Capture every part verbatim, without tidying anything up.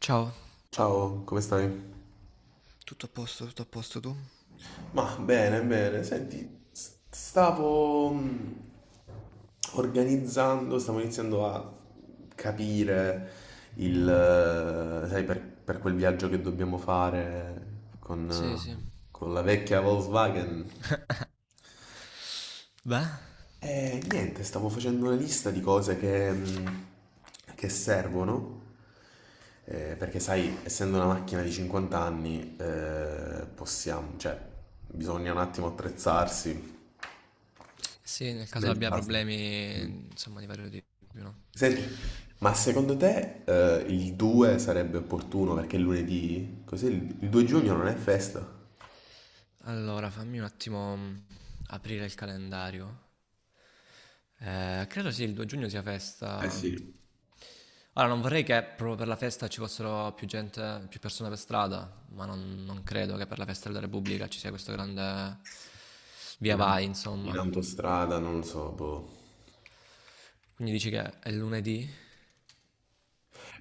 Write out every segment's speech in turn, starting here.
Ciao. Ciao, come stai? Tutto a posto, tutto a posto tu? Ma bene, bene, senti, s- stavo mm, organizzando, stavo iniziando a capire il, eh, sai, per, per quel viaggio che dobbiamo fare con, Sì, sì. eh, con la vecchia Volkswagen. Beh? E niente, stavo facendo una lista di cose che, mm, che servono, eh, perché sai, essendo una macchina di cinquanta anni, eh, possiamo, cioè, bisogna un attimo attrezzarsi Sì, nel caso nel abbia caso. problemi, Mm. insomma, di vario tipo, no? Senti, ma secondo te, eh, il due sarebbe opportuno perché è lunedì? Così il, il due giugno non è festa? Allora, fammi un attimo mm, aprire il calendario. Eh, credo sì, il due giugno sia Eh festa. sì. Ora, non vorrei che proprio per la festa ci fossero più gente, più persone per strada, ma non, non credo che per la festa della Repubblica ci sia questo grande via In, vai, aut- in insomma. autostrada, non lo so, boh. Quindi dici che è lunedì?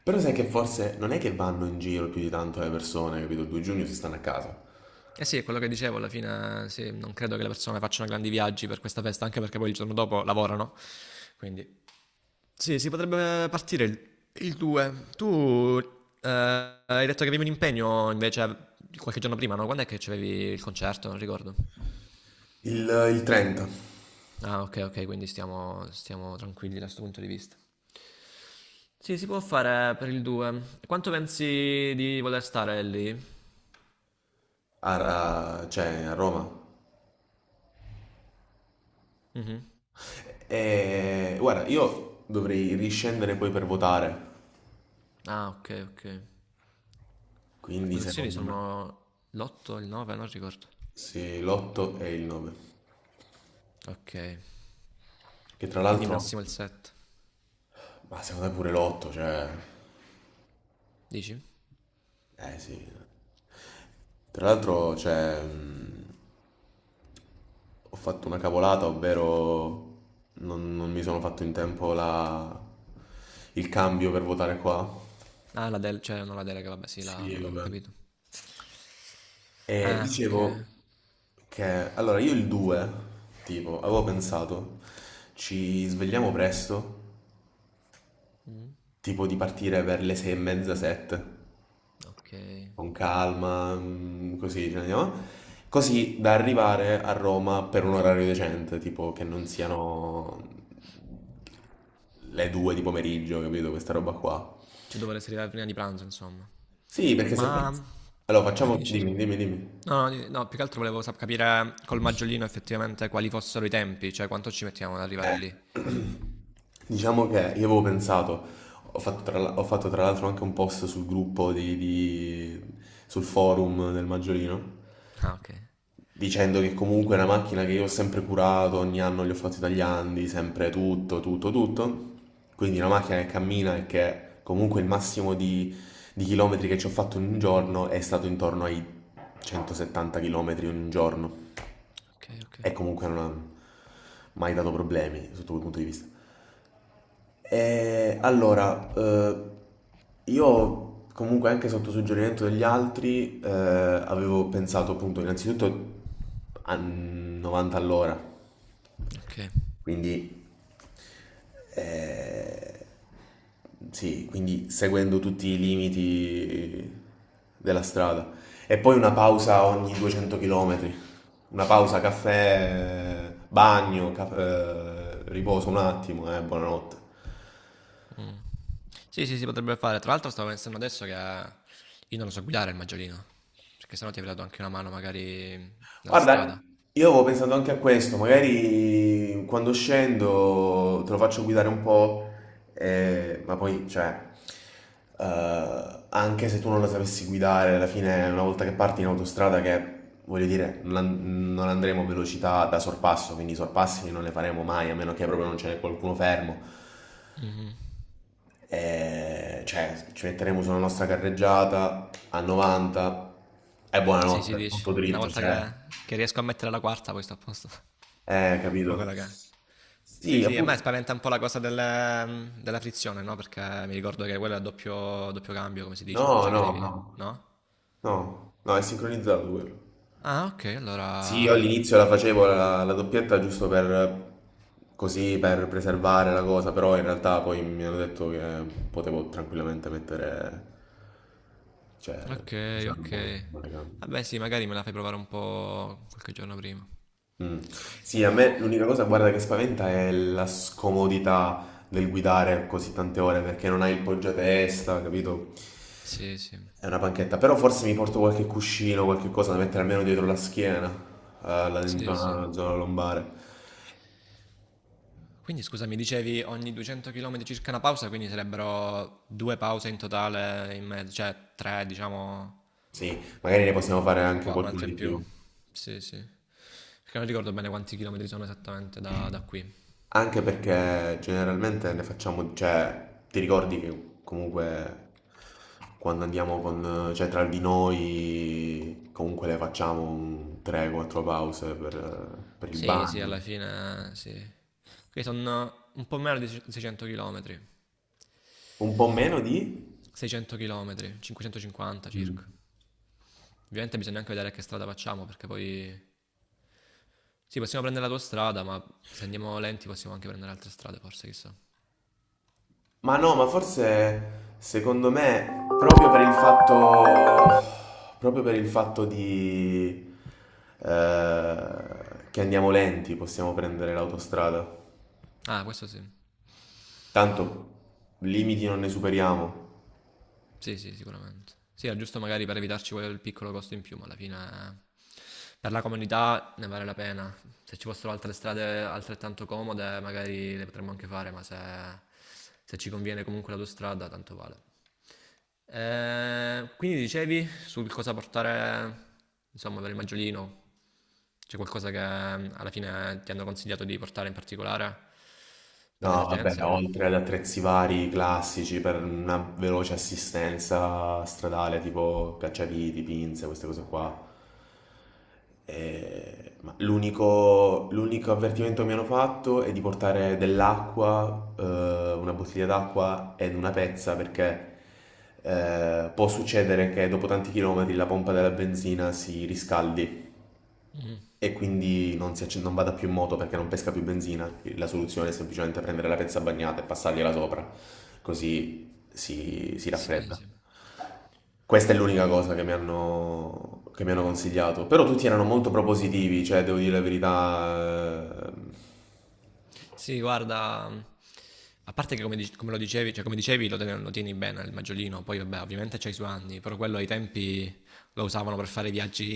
Però sai che forse non è che vanno in giro più di tanto le persone, capito? Il due giugno si stanno a casa. Eh sì, è quello che dicevo, alla fine eh, sì, non credo che le persone facciano grandi viaggi per questa festa, anche perché poi il giorno dopo lavorano. Quindi sì, si potrebbe partire il, il due. Tu eh, hai detto che avevi un impegno invece qualche giorno prima, no? Quando è che c'avevi il concerto? Non ricordo. Il, il trenta, Ah, ok, ok, quindi stiamo, stiamo tranquilli da questo punto di vista. Sì, si può fare per il due. Quanto pensi di voler stare lì? a, a- cioè a Roma. Mhm. E guarda, io dovrei riscendere poi per votare. Ah, ok, ok. Quindi Votazioni secondo me sono l'otto, il nove, non ricordo. sì, l'otto e il nove. Ok, Che tra quindi l'altro, massimo il sette. ma secondo me pure l'otto, cioè. Dici? Eh sì. Tra l'altro, cioè, mh, ho fatto una cavolata, ovvero non, non mi sono fatto in tempo la- il cambio per votare qua. Ah, la del... cioè non la delega, vabbè, sì, Sì, la... ho vabbè. capito. E Ah, ok. dicevo che allora io il due, tipo, avevo pensato, ci svegliamo presto, Mm, tipo di partire per le sei e mezza, sette, ok. con calma, mm, così, ce ne andiamo. Così da arrivare a Roma per un orario decente, tipo che non siano le due di pomeriggio, capito? Questa roba qua. Cioè dovrei arrivare prima di pranzo, insomma. Sì, perché se. Ma... Allora, Come facciamo. finisce? Scusa? Dimmi, dimmi, dimmi. No, no, no, più che altro volevo sap- capire col maggiolino effettivamente quali fossero i tempi, cioè quanto ci mettiamo ad arrivare Eh, lì. diciamo che io avevo pensato, ho fatto tra, l'al- ho fatto tra l'altro anche un post sul gruppo di, di- sul forum del Maggiolino. Ah, ok. Dicendo che comunque è una macchina che io ho sempre curato, ogni anno gli ho fatto i tagliandi, sempre tutto, tutto, tutto. Quindi una macchina che cammina e che comunque il massimo di, di chilometri che ci ho fatto in un giorno è stato intorno ai centosettanta chilometri in un giorno. Ok, ok, E comunque non ha mai dato problemi sotto quel punto di vista. Eh, allora, eh, io comunque anche sotto suggerimento degli altri eh, avevo pensato appunto innanzitutto a novanta all'ora, ok. quindi eh, sì, quindi seguendo tutti i limiti della strada. E poi una pausa ogni duecento chilometri, una pausa caffè, bagno, ca- eh, riposo un attimo, eh, buonanotte. Sì, sì, si potrebbe fare. Tra l'altro stavo pensando adesso che eh, io non lo so guidare il maggiolino, perché sennò ti avrei dato anche una mano magari nella Guarda, strada. io avevo pensato anche a questo, magari quando scendo te lo faccio guidare un po', eh, ma poi, cioè, eh, anche se tu non la sapessi guidare, alla fine una volta che parti in autostrada, che voglio dire, non, an- non andremo a velocità da sorpasso, quindi i sorpassi non ne faremo mai, a meno che proprio non ce n'è qualcuno fermo. Eh, cioè, ci metteremo sulla nostra carreggiata a novanta e Sì, sì, buonanotte, dici. tutto Una dritto, volta cioè. che, che riesco a mettere la quarta, poi sto a posto. Eh, O Capito? quella che è. Sì, Sì, sì, a me appunto. spaventa un po' la cosa del- della frizione, no? Perché mi ricordo che quello è a doppio, doppio cambio, come si dice. No, Cioè che no, devi. no, No? no, no, è sincronizzato quello. Ah, ok, Sì, io allora. all'inizio la facevo la, la doppietta giusto per così, per preservare la cosa, però in realtà poi mi hanno detto che potevo tranquillamente mettere, cioè, Ok, usarlo ok. come telecamera. Vabbè, sì, magari me la fai provare un po' qualche giorno prima. Mm. Sì, a me l'unica cosa, guarda, che spaventa è la scomodità del guidare così tante ore perché non hai il poggiatesta, capito? Sì, sì. È una panchetta, però forse mi porto qualche cuscino, qualche cosa da mettere almeno dietro la schiena, eh, la in Sì, sì. zona, zona lombare. Quindi scusa, mi dicevi ogni duecento chilometri circa una pausa, quindi sarebbero due pause in totale in mezzo, cioè tre, diciamo, Sì, magari ne possiamo fare o anche qua, qualcuno un'altra in di più. più. Sì, sì. Perché non ricordo bene quanti chilometri sono esattamente da, da qui. Anche perché generalmente ne facciamo, cioè, ti ricordi che comunque quando andiamo con, cioè, tra di noi, comunque le facciamo un tre o quattro pause per, per il Sì, sì, bagno. alla fine sì. Ok, sono un po' meno di seicento chilometri. Un po' meno di? seicento chilometri, cinquecentocinquanta Mm. circa. Ovviamente bisogna anche vedere che strada facciamo, perché poi. Sì, possiamo prendere la tua strada, ma se andiamo lenti possiamo anche prendere altre strade, forse, chissà. Ma no, ma forse secondo me proprio per il fatto, proprio per il fatto di, eh, che andiamo lenti possiamo prendere l'autostrada. Ah, questo sì. Tanto limiti non ne superiamo. Sì, sì, sicuramente. Sì, è giusto magari per evitarci quel piccolo costo in più, ma alla fine eh, per la comunità ne vale la pena. Se ci fossero altre strade altrettanto comode, magari le potremmo anche fare, ma se, se ci conviene comunque l'autostrada, tanto vale. Eh, quindi dicevi sul cosa portare, insomma, per il maggiolino, c'è qualcosa che eh, alla fine ti hanno consigliato di portare in particolare per le No, vabbè, emergenze o no? oltre ad attrezzi vari classici per una veloce assistenza stradale, tipo cacciaviti, pinze, queste cose qua. Eh, ma l'unico l'unico avvertimento che mi hanno fatto è di portare dell'acqua, eh, una bottiglia d'acqua ed una pezza perché eh, può succedere che dopo tanti chilometri la pompa della benzina si riscaldi Mhm. e quindi non, si acc- non vada più in moto perché non pesca più benzina. La soluzione è semplicemente prendere la pezza bagnata e passargliela sopra, così si, si Sì, raffredda. sì. Questa è l'unica cosa che mi hanno, che mi hanno consigliato, però tutti erano molto propositivi, cioè devo dire la verità. eh, Sì, guarda, a parte che come, dic- come lo dicevi, cioè come dicevi lo, ten- lo tieni bene il maggiolino, poi vabbè, ovviamente c'hai i suoi anni, però quello ai tempi lo usavano per fare viaggi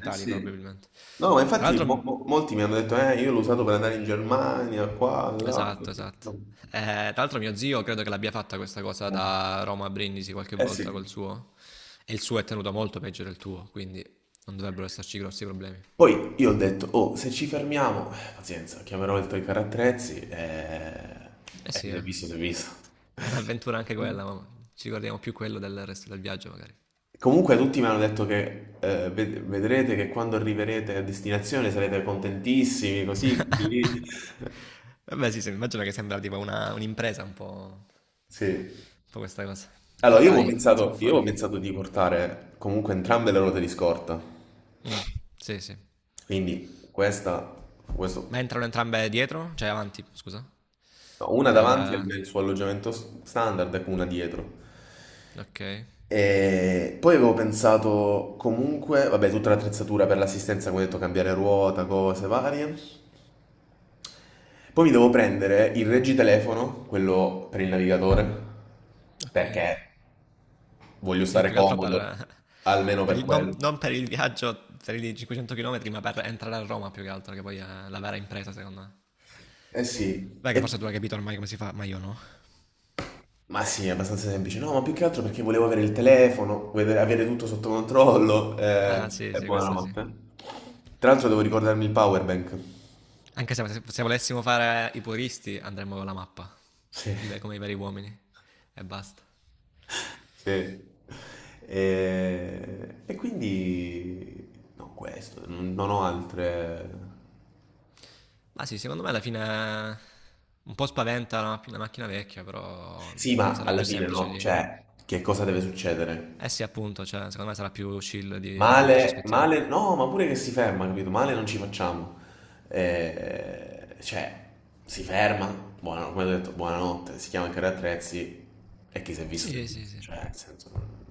Eh sì. probabilmente. No, ma Tra infatti mo- l'altro, mo- molti mi hanno detto, eh, io l'ho usato per andare in Germania, qua, là. esatto, esatto. Eh, tra l'altro mio zio credo che l'abbia fatta questa cosa da Roma a Brindisi qualche Eh sì. volta col suo, e il suo è tenuto molto peggio del tuo, quindi non dovrebbero esserci grossi problemi. Poi io ho detto, oh, se ci fermiamo, eh, pazienza, chiamerò il tuoi carattrezzi e... Eh sì, e eh. visto si è visto. È un'avventura anche quella, ma ci ricordiamo più quello del resto del viaggio magari. Comunque tutti mi hanno detto che eh, ved- vedrete che quando arriverete a destinazione sarete contentissimi, così, così. Vabbè, sì, sì, immagino che sembra tipo una, un'impresa un po', un Sì. po' questa cosa. Allora, Però io avevo dai, si può pensato, io avevo fare. pensato di portare comunque entrambe le ruote di scorta, Mm, sì, sì. quindi questa, Ma questo, entrano entrambe dietro? Cioè avanti, scusa. no, una Nel... davanti al- nel suo alloggiamento s- standard e una dietro. Ok, E poi avevo pensato comunque, vabbè, tutta l'attrezzatura per l'assistenza, come ho detto, cambiare ruota, cose varie. Poi mi devo prendere il reggitelefono, quello per il navigatore, ok. perché voglio Sì, stare più che altro comodo, per... almeno per per il- non, quello. non per il viaggio per i cinquecento chilometri, ma per entrare a Roma più che altro, che poi è la vera impresa, secondo me. Eh sì, Beh, che e- forse tu hai capito ormai come si fa, ma io no. ma sì, è abbastanza semplice. No, ma più che altro perché volevo avere il telefono, vedere- avere tutto sotto controllo. Ah, eh, sì, E sì, questo sì. buonanotte. Tra l'altro devo ricordarmi il power bank. Anche se, se volessimo fare i puristi, andremmo con la mappa. Sì. I ve- Come i veri uomini. E basta. Sì. E, e quindi no, questo, non, non ho altre. Ma sì, secondo me alla fine un po' spaventa la, la macchina vecchia, però Sì, mh, ma sarà alla più fine semplice no, di. cioè, che cosa deve succedere? Eh sì, appunto, cioè, secondo me sarà più chill di, di quanto ci Male, aspettiamo. male, no, ma pure che si ferma, capito? Male non ci facciamo. Eh, cioè, si ferma, buona- come ho detto, buonanotte, si chiama Carri Attrezzi e chi si è visto si è Sì, sì, visto, sì. cioè, nel senso.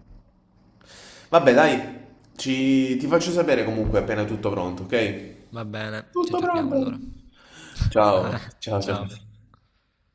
Vabbè, dai, ci- ti faccio sapere comunque appena è tutto pronto, ok? Va bene, ci Tutto aggiorniamo pronto. allora. Ciao, ciao, ciao, Ciao. ciao.